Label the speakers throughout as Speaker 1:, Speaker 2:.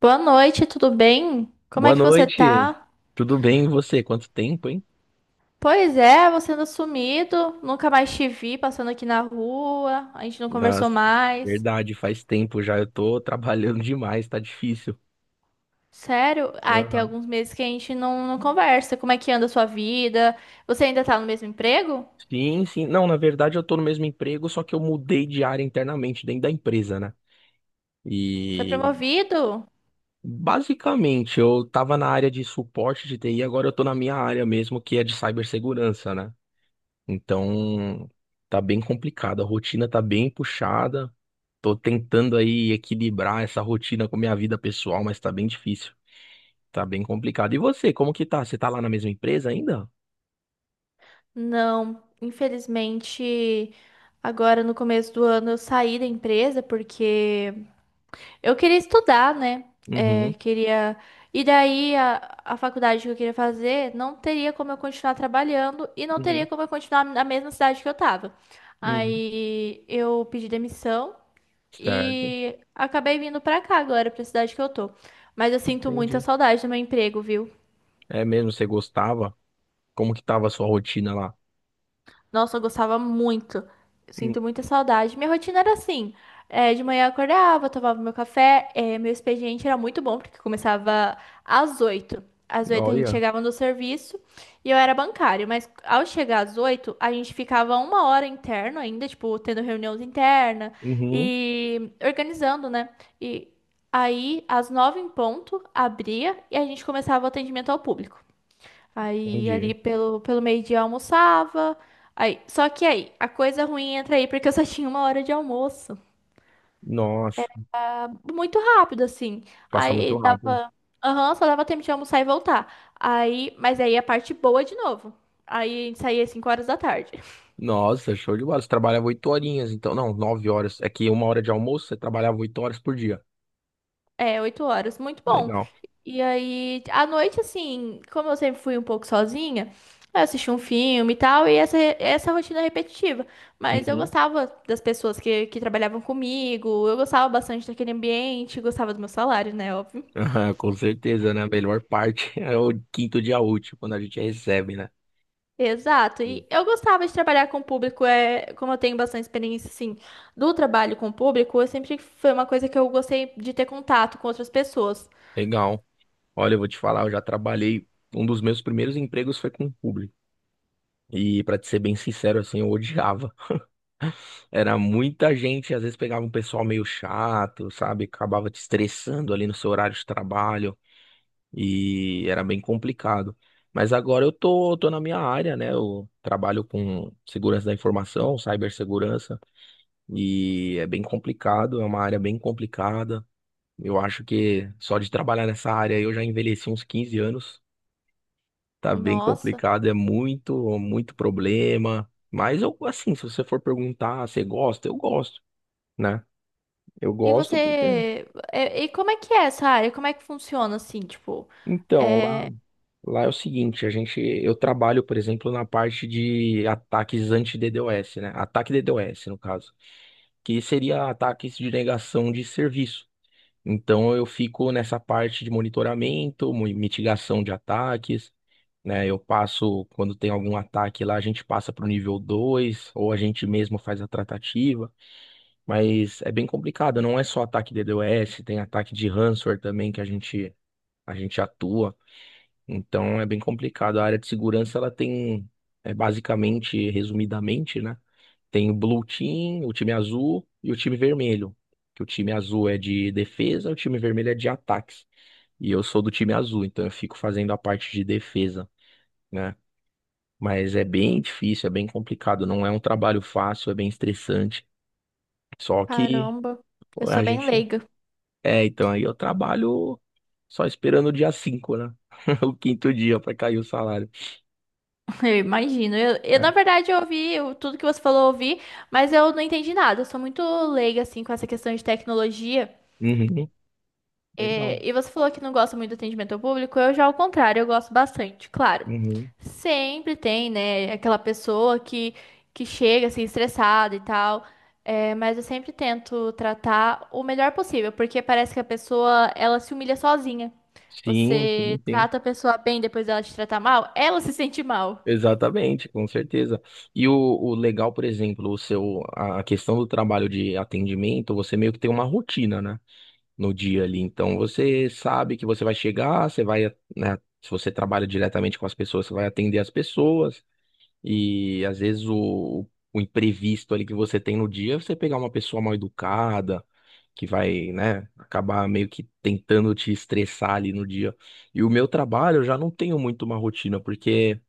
Speaker 1: Boa noite, tudo bem? Como
Speaker 2: Boa
Speaker 1: é que você
Speaker 2: noite.
Speaker 1: tá?
Speaker 2: Tudo bem e você? Quanto tempo, hein?
Speaker 1: Pois é, você anda sumido, nunca mais te vi passando aqui na rua, a gente não conversou
Speaker 2: Nossa,
Speaker 1: mais.
Speaker 2: verdade, faz tempo já. Eu tô trabalhando demais, tá difícil.
Speaker 1: Sério? Ai, tem
Speaker 2: Aham.
Speaker 1: alguns meses que a gente não conversa. Como é que anda a sua vida? Você ainda tá no mesmo emprego?
Speaker 2: Sim, sim. Não, na verdade eu tô no mesmo emprego, só que eu mudei de área internamente dentro da empresa, né?
Speaker 1: Foi
Speaker 2: E
Speaker 1: promovido?
Speaker 2: basicamente eu tava na área de suporte de TI, agora eu tô na minha área mesmo, que é de cibersegurança, né? Então, tá bem complicado. A rotina tá bem puxada. Tô tentando aí equilibrar essa rotina com minha vida pessoal, mas tá bem difícil. Tá bem complicado. E você, como que tá? Você tá lá na mesma empresa ainda?
Speaker 1: Não, infelizmente, agora no começo do ano eu saí da empresa porque eu queria estudar, né? É,
Speaker 2: Uhum,
Speaker 1: queria. E daí a faculdade que eu queria fazer não teria como eu continuar trabalhando e não teria
Speaker 2: uhum,
Speaker 1: como eu continuar na mesma cidade que eu tava.
Speaker 2: uhum.
Speaker 1: Aí eu pedi demissão
Speaker 2: Certo,
Speaker 1: e acabei vindo pra cá agora, pra cidade que eu tô. Mas eu sinto muita
Speaker 2: entendi.
Speaker 1: saudade do meu emprego, viu?
Speaker 2: É mesmo, você gostava? Como que tava a sua rotina lá?
Speaker 1: Nossa, eu gostava muito. Eu
Speaker 2: Hum,
Speaker 1: sinto muita saudade. Minha rotina era assim: é, de manhã eu acordava, tomava meu café. É, meu expediente era muito bom, porque começava às 8. Às 8 a gente
Speaker 2: olha.
Speaker 1: chegava no serviço e eu era bancário, mas ao chegar às 8 a gente ficava 1 hora interno ainda, tipo, tendo reuniões interna
Speaker 2: Uhum,
Speaker 1: e organizando, né? E aí, às 9 em ponto, abria e a gente começava o atendimento ao público. Aí
Speaker 2: entendi.
Speaker 1: ali pelo meio-dia eu almoçava. Aí, só que aí, a coisa ruim entra aí porque eu só tinha 1 hora de almoço.
Speaker 2: Nossa,
Speaker 1: Muito rápido, assim.
Speaker 2: passa
Speaker 1: Aí
Speaker 2: muito rápido.
Speaker 1: dava. Aham, só dava tempo de almoçar e voltar. Aí, mas aí a parte boa de novo. Aí a gente saía às 5 horas da tarde.
Speaker 2: Nossa, show de bola. Você trabalhava 8 horinhas, então. Não, 9 horas. É que uma hora de almoço, você trabalhava 8 horas por dia.
Speaker 1: É, 8 horas, muito bom.
Speaker 2: Legal.
Speaker 1: E aí, à noite, assim, como eu sempre fui um pouco sozinha, eu assisti um filme e tal, e essa rotina é repetitiva. Mas eu
Speaker 2: Uhum.
Speaker 1: gostava das pessoas que trabalhavam comigo, eu gostava bastante daquele ambiente, gostava do meu salário, né, óbvio.
Speaker 2: Com certeza, né? A melhor parte é o quinto dia útil, quando a gente recebe, né?
Speaker 1: Exato,
Speaker 2: Sim.
Speaker 1: e eu gostava de trabalhar com o público, é, como eu tenho bastante experiência, assim, do trabalho com o público, eu sempre foi uma coisa que eu gostei de ter contato com outras pessoas.
Speaker 2: Legal. Olha, eu vou te falar, eu já trabalhei. Um dos meus primeiros empregos foi com o público. E pra te ser bem sincero, assim, eu odiava. Era muita gente, às vezes pegava um pessoal meio chato, sabe? Acabava te estressando ali no seu horário de trabalho e era bem complicado. Mas agora eu tô, na minha área, né? Eu trabalho com segurança da informação, cibersegurança. E é bem complicado, é uma área bem complicada. Eu acho que só de trabalhar nessa área eu já envelheci uns 15 anos. Tá bem
Speaker 1: Nossa.
Speaker 2: complicado, é muito, muito problema. Mas eu, assim, se você for perguntar, você gosta? Eu gosto, né? Eu
Speaker 1: E
Speaker 2: gosto porque.
Speaker 1: você. E como é que é essa área? Como é que funciona assim? Tipo,
Speaker 2: Então, lá,
Speaker 1: é.
Speaker 2: lá é o seguinte, a gente, eu trabalho, por exemplo, na parte de ataques anti-DDoS, né? Ataque DDoS, no caso, que seria ataques de negação de serviço. Então eu fico nessa parte de monitoramento, mitigação de ataques, né? Eu passo, quando tem algum ataque lá, a gente passa para o nível 2 ou a gente mesmo faz a tratativa, mas é bem complicado, não é só ataque de DDoS, tem ataque de ransomware também que a gente atua. Então é bem complicado. A área de segurança ela tem, basicamente, resumidamente, né? Tem o Blue Team, o time azul e o time vermelho. Que o time azul é de defesa, o time vermelho é de ataques. E eu sou do time azul, então eu fico fazendo a parte de defesa, né? Mas é bem difícil, é bem complicado. Não é um trabalho fácil, é bem estressante. Só que
Speaker 1: Caramba, eu
Speaker 2: pô,
Speaker 1: sou
Speaker 2: a
Speaker 1: bem
Speaker 2: gente.
Speaker 1: leiga,
Speaker 2: É, então aí eu trabalho só esperando o dia 5, né? O quinto dia para cair o salário.
Speaker 1: eu imagino. Eu, na
Speaker 2: Né?
Speaker 1: verdade, eu ouvi tudo que você falou, eu ouvi, mas eu não entendi nada. Eu sou muito leiga, assim, com essa questão de tecnologia.
Speaker 2: Uhum. Legal.
Speaker 1: É, e você falou que não gosta muito do atendimento ao público, eu já ao contrário, eu gosto bastante, claro.
Speaker 2: Uhum.
Speaker 1: Sempre tem, né, aquela pessoa que chega assim estressada e tal, é, mas eu sempre tento tratar o melhor possível, porque parece que a pessoa, ela se humilha sozinha.
Speaker 2: Sim, sim,
Speaker 1: Você
Speaker 2: sim.
Speaker 1: trata a pessoa bem, depois dela te tratar mal, ela se sente mal.
Speaker 2: Exatamente, com certeza. E o, legal, por exemplo, o seu, a questão do trabalho de atendimento, você meio que tem uma rotina, né? No dia ali. Então você sabe que você vai chegar, você vai, né? Se você trabalha diretamente com as pessoas, você vai atender as pessoas. E às vezes o imprevisto ali que você tem no dia, é você pegar uma pessoa mal educada, que vai, né, acabar meio que tentando te estressar ali no dia. E o meu trabalho, eu já não tenho muito uma rotina, porque,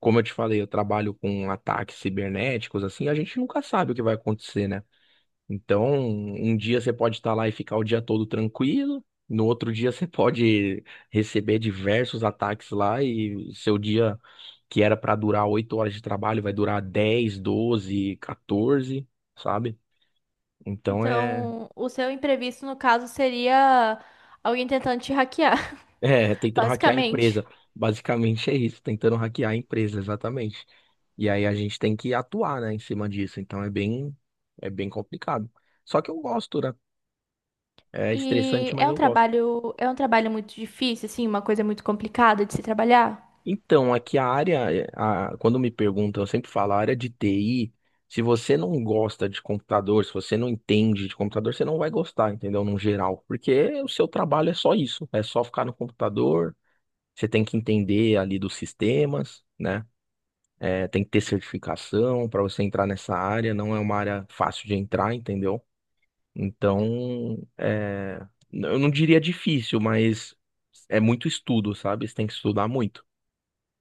Speaker 2: como eu te falei, eu trabalho com ataques cibernéticos, assim, a gente nunca sabe o que vai acontecer, né? Então, um dia você pode estar lá e ficar o dia todo tranquilo, no outro dia você pode receber diversos ataques lá e seu dia que era para durar 8 horas de trabalho vai durar 10 12 14, sabe? Então é,
Speaker 1: Então, o seu imprevisto, no caso, seria alguém tentando te hackear,
Speaker 2: é tentando hackear a
Speaker 1: basicamente.
Speaker 2: empresa. Basicamente é isso, tentando hackear a empresa, exatamente. E aí a gente tem que atuar, né, em cima disso. Então é bem complicado. Só que eu gosto, né? É estressante,
Speaker 1: E
Speaker 2: mas eu gosto.
Speaker 1: é um trabalho muito difícil, assim, uma coisa muito complicada de se trabalhar.
Speaker 2: Então, aqui a área, quando me perguntam, eu sempre falo, a área de TI, se você não gosta de computador, se você não entende de computador, você não vai gostar, entendeu? No geral, porque o seu trabalho é só isso, é só ficar no computador, você tem que entender ali dos sistemas, né? É, tem que ter certificação para você entrar nessa área, não é uma área fácil de entrar, entendeu? Então, eu não diria difícil, mas é muito estudo, sabe? Você tem que estudar muito.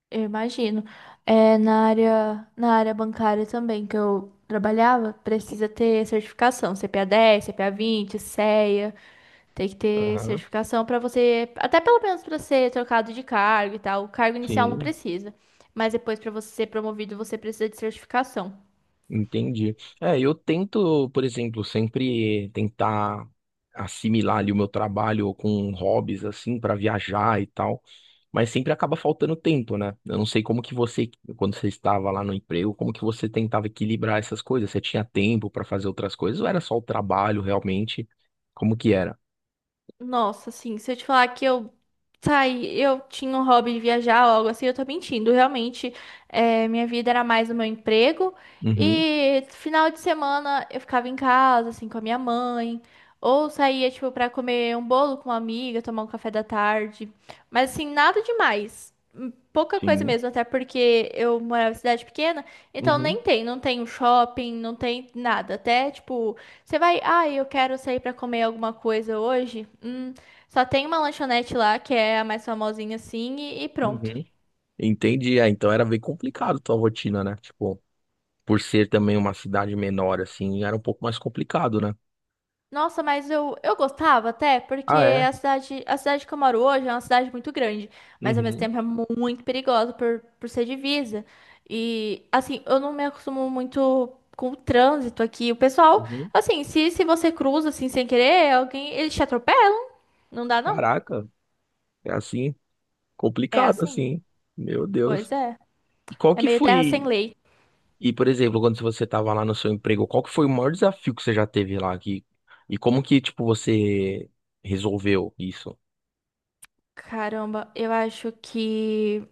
Speaker 1: Eu imagino. É na área bancária também que eu trabalhava, precisa ter certificação, CPA 10, CPA 20, CEA, tem que ter
Speaker 2: Aham,
Speaker 1: certificação para você, até pelo menos para ser trocado de cargo e tal. O cargo inicial não
Speaker 2: sim.
Speaker 1: precisa, mas depois para você ser promovido, você precisa de certificação.
Speaker 2: Entendi. É, eu tento, por exemplo, sempre tentar assimilar ali o meu trabalho com hobbies assim para viajar e tal, mas sempre acaba faltando tempo, né? Eu não sei como que você, quando você estava lá no emprego, como que você tentava equilibrar essas coisas? Você tinha tempo para fazer outras coisas ou era só o trabalho realmente? Como que era?
Speaker 1: Nossa, assim, se eu te falar que eu saí, eu tinha um hobby de viajar ou algo assim, eu tô mentindo. Realmente, é, minha vida era mais o meu emprego.
Speaker 2: Uhum,
Speaker 1: E final de semana eu ficava em casa, assim, com a minha mãe. Ou saía, tipo, pra comer um bolo com uma amiga, tomar um café da tarde. Mas, assim, nada demais. Pouca coisa
Speaker 2: sim.
Speaker 1: mesmo, até porque eu morava em cidade pequena. Então,
Speaker 2: Uhum,
Speaker 1: nem tem, não tem um shopping, não tem nada. Até, tipo. Você vai, ah, eu quero sair pra comer alguma coisa hoje. Só tem uma lanchonete lá que é a mais famosinha assim e pronto.
Speaker 2: uhum. Entendi. É, então era bem complicado a tua rotina, né? Tipo, por ser também uma cidade menor assim, era um pouco mais complicado, né?
Speaker 1: Nossa, mas eu gostava até, porque
Speaker 2: Ah, é?
Speaker 1: a cidade que eu moro hoje é uma cidade muito grande, mas ao mesmo
Speaker 2: Uhum,
Speaker 1: tempo é muito perigosa por ser divisa. E assim, eu não me acostumo muito com o trânsito aqui. O pessoal,
Speaker 2: uhum.
Speaker 1: assim, se você cruza assim sem querer, alguém, eles te atropelam. Não dá não.
Speaker 2: Caraca, é assim,
Speaker 1: É
Speaker 2: complicado
Speaker 1: assim.
Speaker 2: assim. Meu Deus.
Speaker 1: Pois é.
Speaker 2: E qual
Speaker 1: É
Speaker 2: que
Speaker 1: meio terra
Speaker 2: foi,
Speaker 1: sem lei.
Speaker 2: e por exemplo, quando você estava lá no seu emprego, qual que foi o maior desafio que você já teve lá aqui? E como que, tipo, você resolveu isso?
Speaker 1: Caramba, eu acho que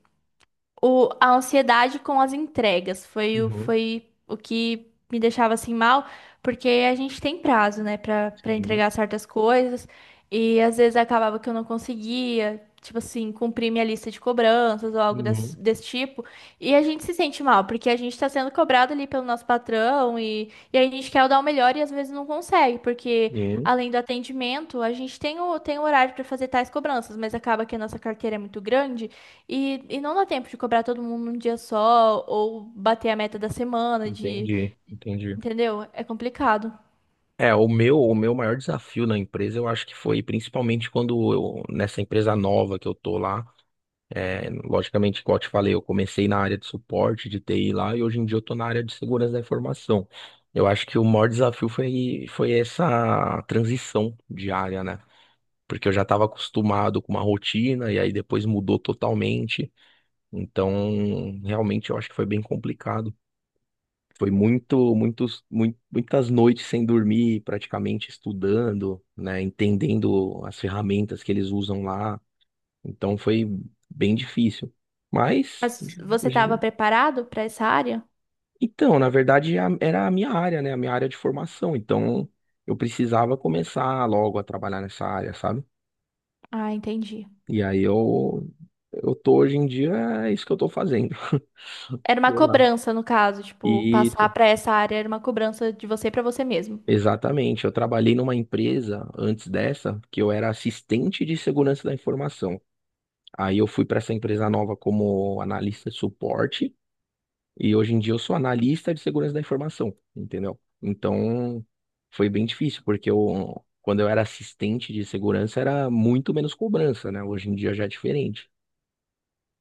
Speaker 1: a ansiedade com as entregas foi, o-
Speaker 2: Uhum.
Speaker 1: foi o que me deixava assim mal, porque a gente tem prazo, né, pra
Speaker 2: Sim.
Speaker 1: entregar certas coisas, e às vezes acabava que eu não conseguia, tipo assim, cumprir minha lista de cobranças ou algo desse,
Speaker 2: Uhum.
Speaker 1: desse tipo, e, a gente se sente mal, porque a gente tá sendo cobrado ali pelo nosso patrão, e a gente quer dar o melhor e às vezes não consegue, porque
Speaker 2: Sim.
Speaker 1: além do atendimento, a gente tem o horário para fazer tais cobranças, mas acaba que a nossa carteira é muito grande. E não dá tempo de cobrar todo mundo num dia só, ou bater a meta da semana, de,
Speaker 2: Entendi, entendi.
Speaker 1: entendeu? É complicado.
Speaker 2: É, o meu, maior desafio na empresa, eu acho que foi principalmente quando eu, nessa empresa nova que eu tô lá, é, logicamente, igual eu te falei, eu comecei na área de suporte de TI lá e hoje em dia eu tô na área de segurança da informação. Eu acho que o maior desafio foi, essa transição de área, né? Porque eu já estava acostumado com uma rotina e aí depois mudou totalmente. Então, realmente eu acho que foi bem complicado. Foi muitas noites sem dormir, praticamente estudando, né? Entendendo as ferramentas que eles usam lá. Então foi bem difícil. Mas,
Speaker 1: Mas você estava
Speaker 2: hoje-
Speaker 1: preparado para essa área?
Speaker 2: então, na verdade, era a minha área, né? A minha área de formação. Então, eu precisava começar logo a trabalhar nessa área, sabe?
Speaker 1: Ah, entendi.
Speaker 2: E aí eu tô hoje em dia, é isso que eu tô fazendo.
Speaker 1: Era uma
Speaker 2: Tô lá.
Speaker 1: cobrança, no caso, tipo, passar
Speaker 2: Isso,
Speaker 1: para essa área era uma cobrança de você para você mesmo.
Speaker 2: exatamente. Eu trabalhei numa empresa antes dessa, que eu era assistente de segurança da informação. Aí eu fui para essa empresa nova como analista de suporte. E hoje em dia eu sou analista de segurança da informação, entendeu? Então foi bem difícil, porque eu, quando eu era assistente de segurança era muito menos cobrança, né? Hoje em dia já é diferente.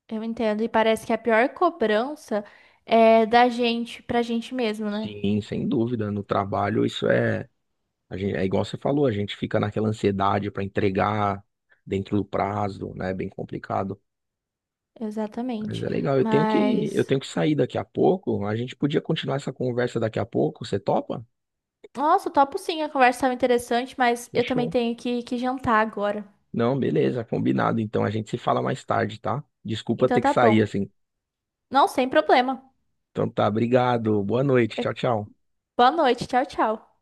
Speaker 1: Eu entendo. E parece que a pior cobrança é da gente pra gente mesmo, né?
Speaker 2: Sim, sem dúvida. No trabalho isso é, a gente, é igual você falou, a gente fica naquela ansiedade para entregar dentro do prazo, né? É bem complicado. Mas
Speaker 1: Exatamente.
Speaker 2: é legal. Eu tenho que, eu
Speaker 1: Mas.
Speaker 2: tenho que sair daqui a pouco. A gente podia continuar essa conversa daqui a pouco. Você topa?
Speaker 1: Nossa, topo sim, a conversa estava interessante, mas eu também
Speaker 2: Fechou.
Speaker 1: tenho que jantar agora.
Speaker 2: Não, beleza, combinado. Então a gente se fala mais tarde, tá? Desculpa
Speaker 1: Então
Speaker 2: ter que
Speaker 1: tá
Speaker 2: sair
Speaker 1: bom.
Speaker 2: assim.
Speaker 1: Não, sem problema.
Speaker 2: Então tá, obrigado. Boa noite. Tchau,
Speaker 1: É,
Speaker 2: tchau.
Speaker 1: boa noite, tchau, tchau.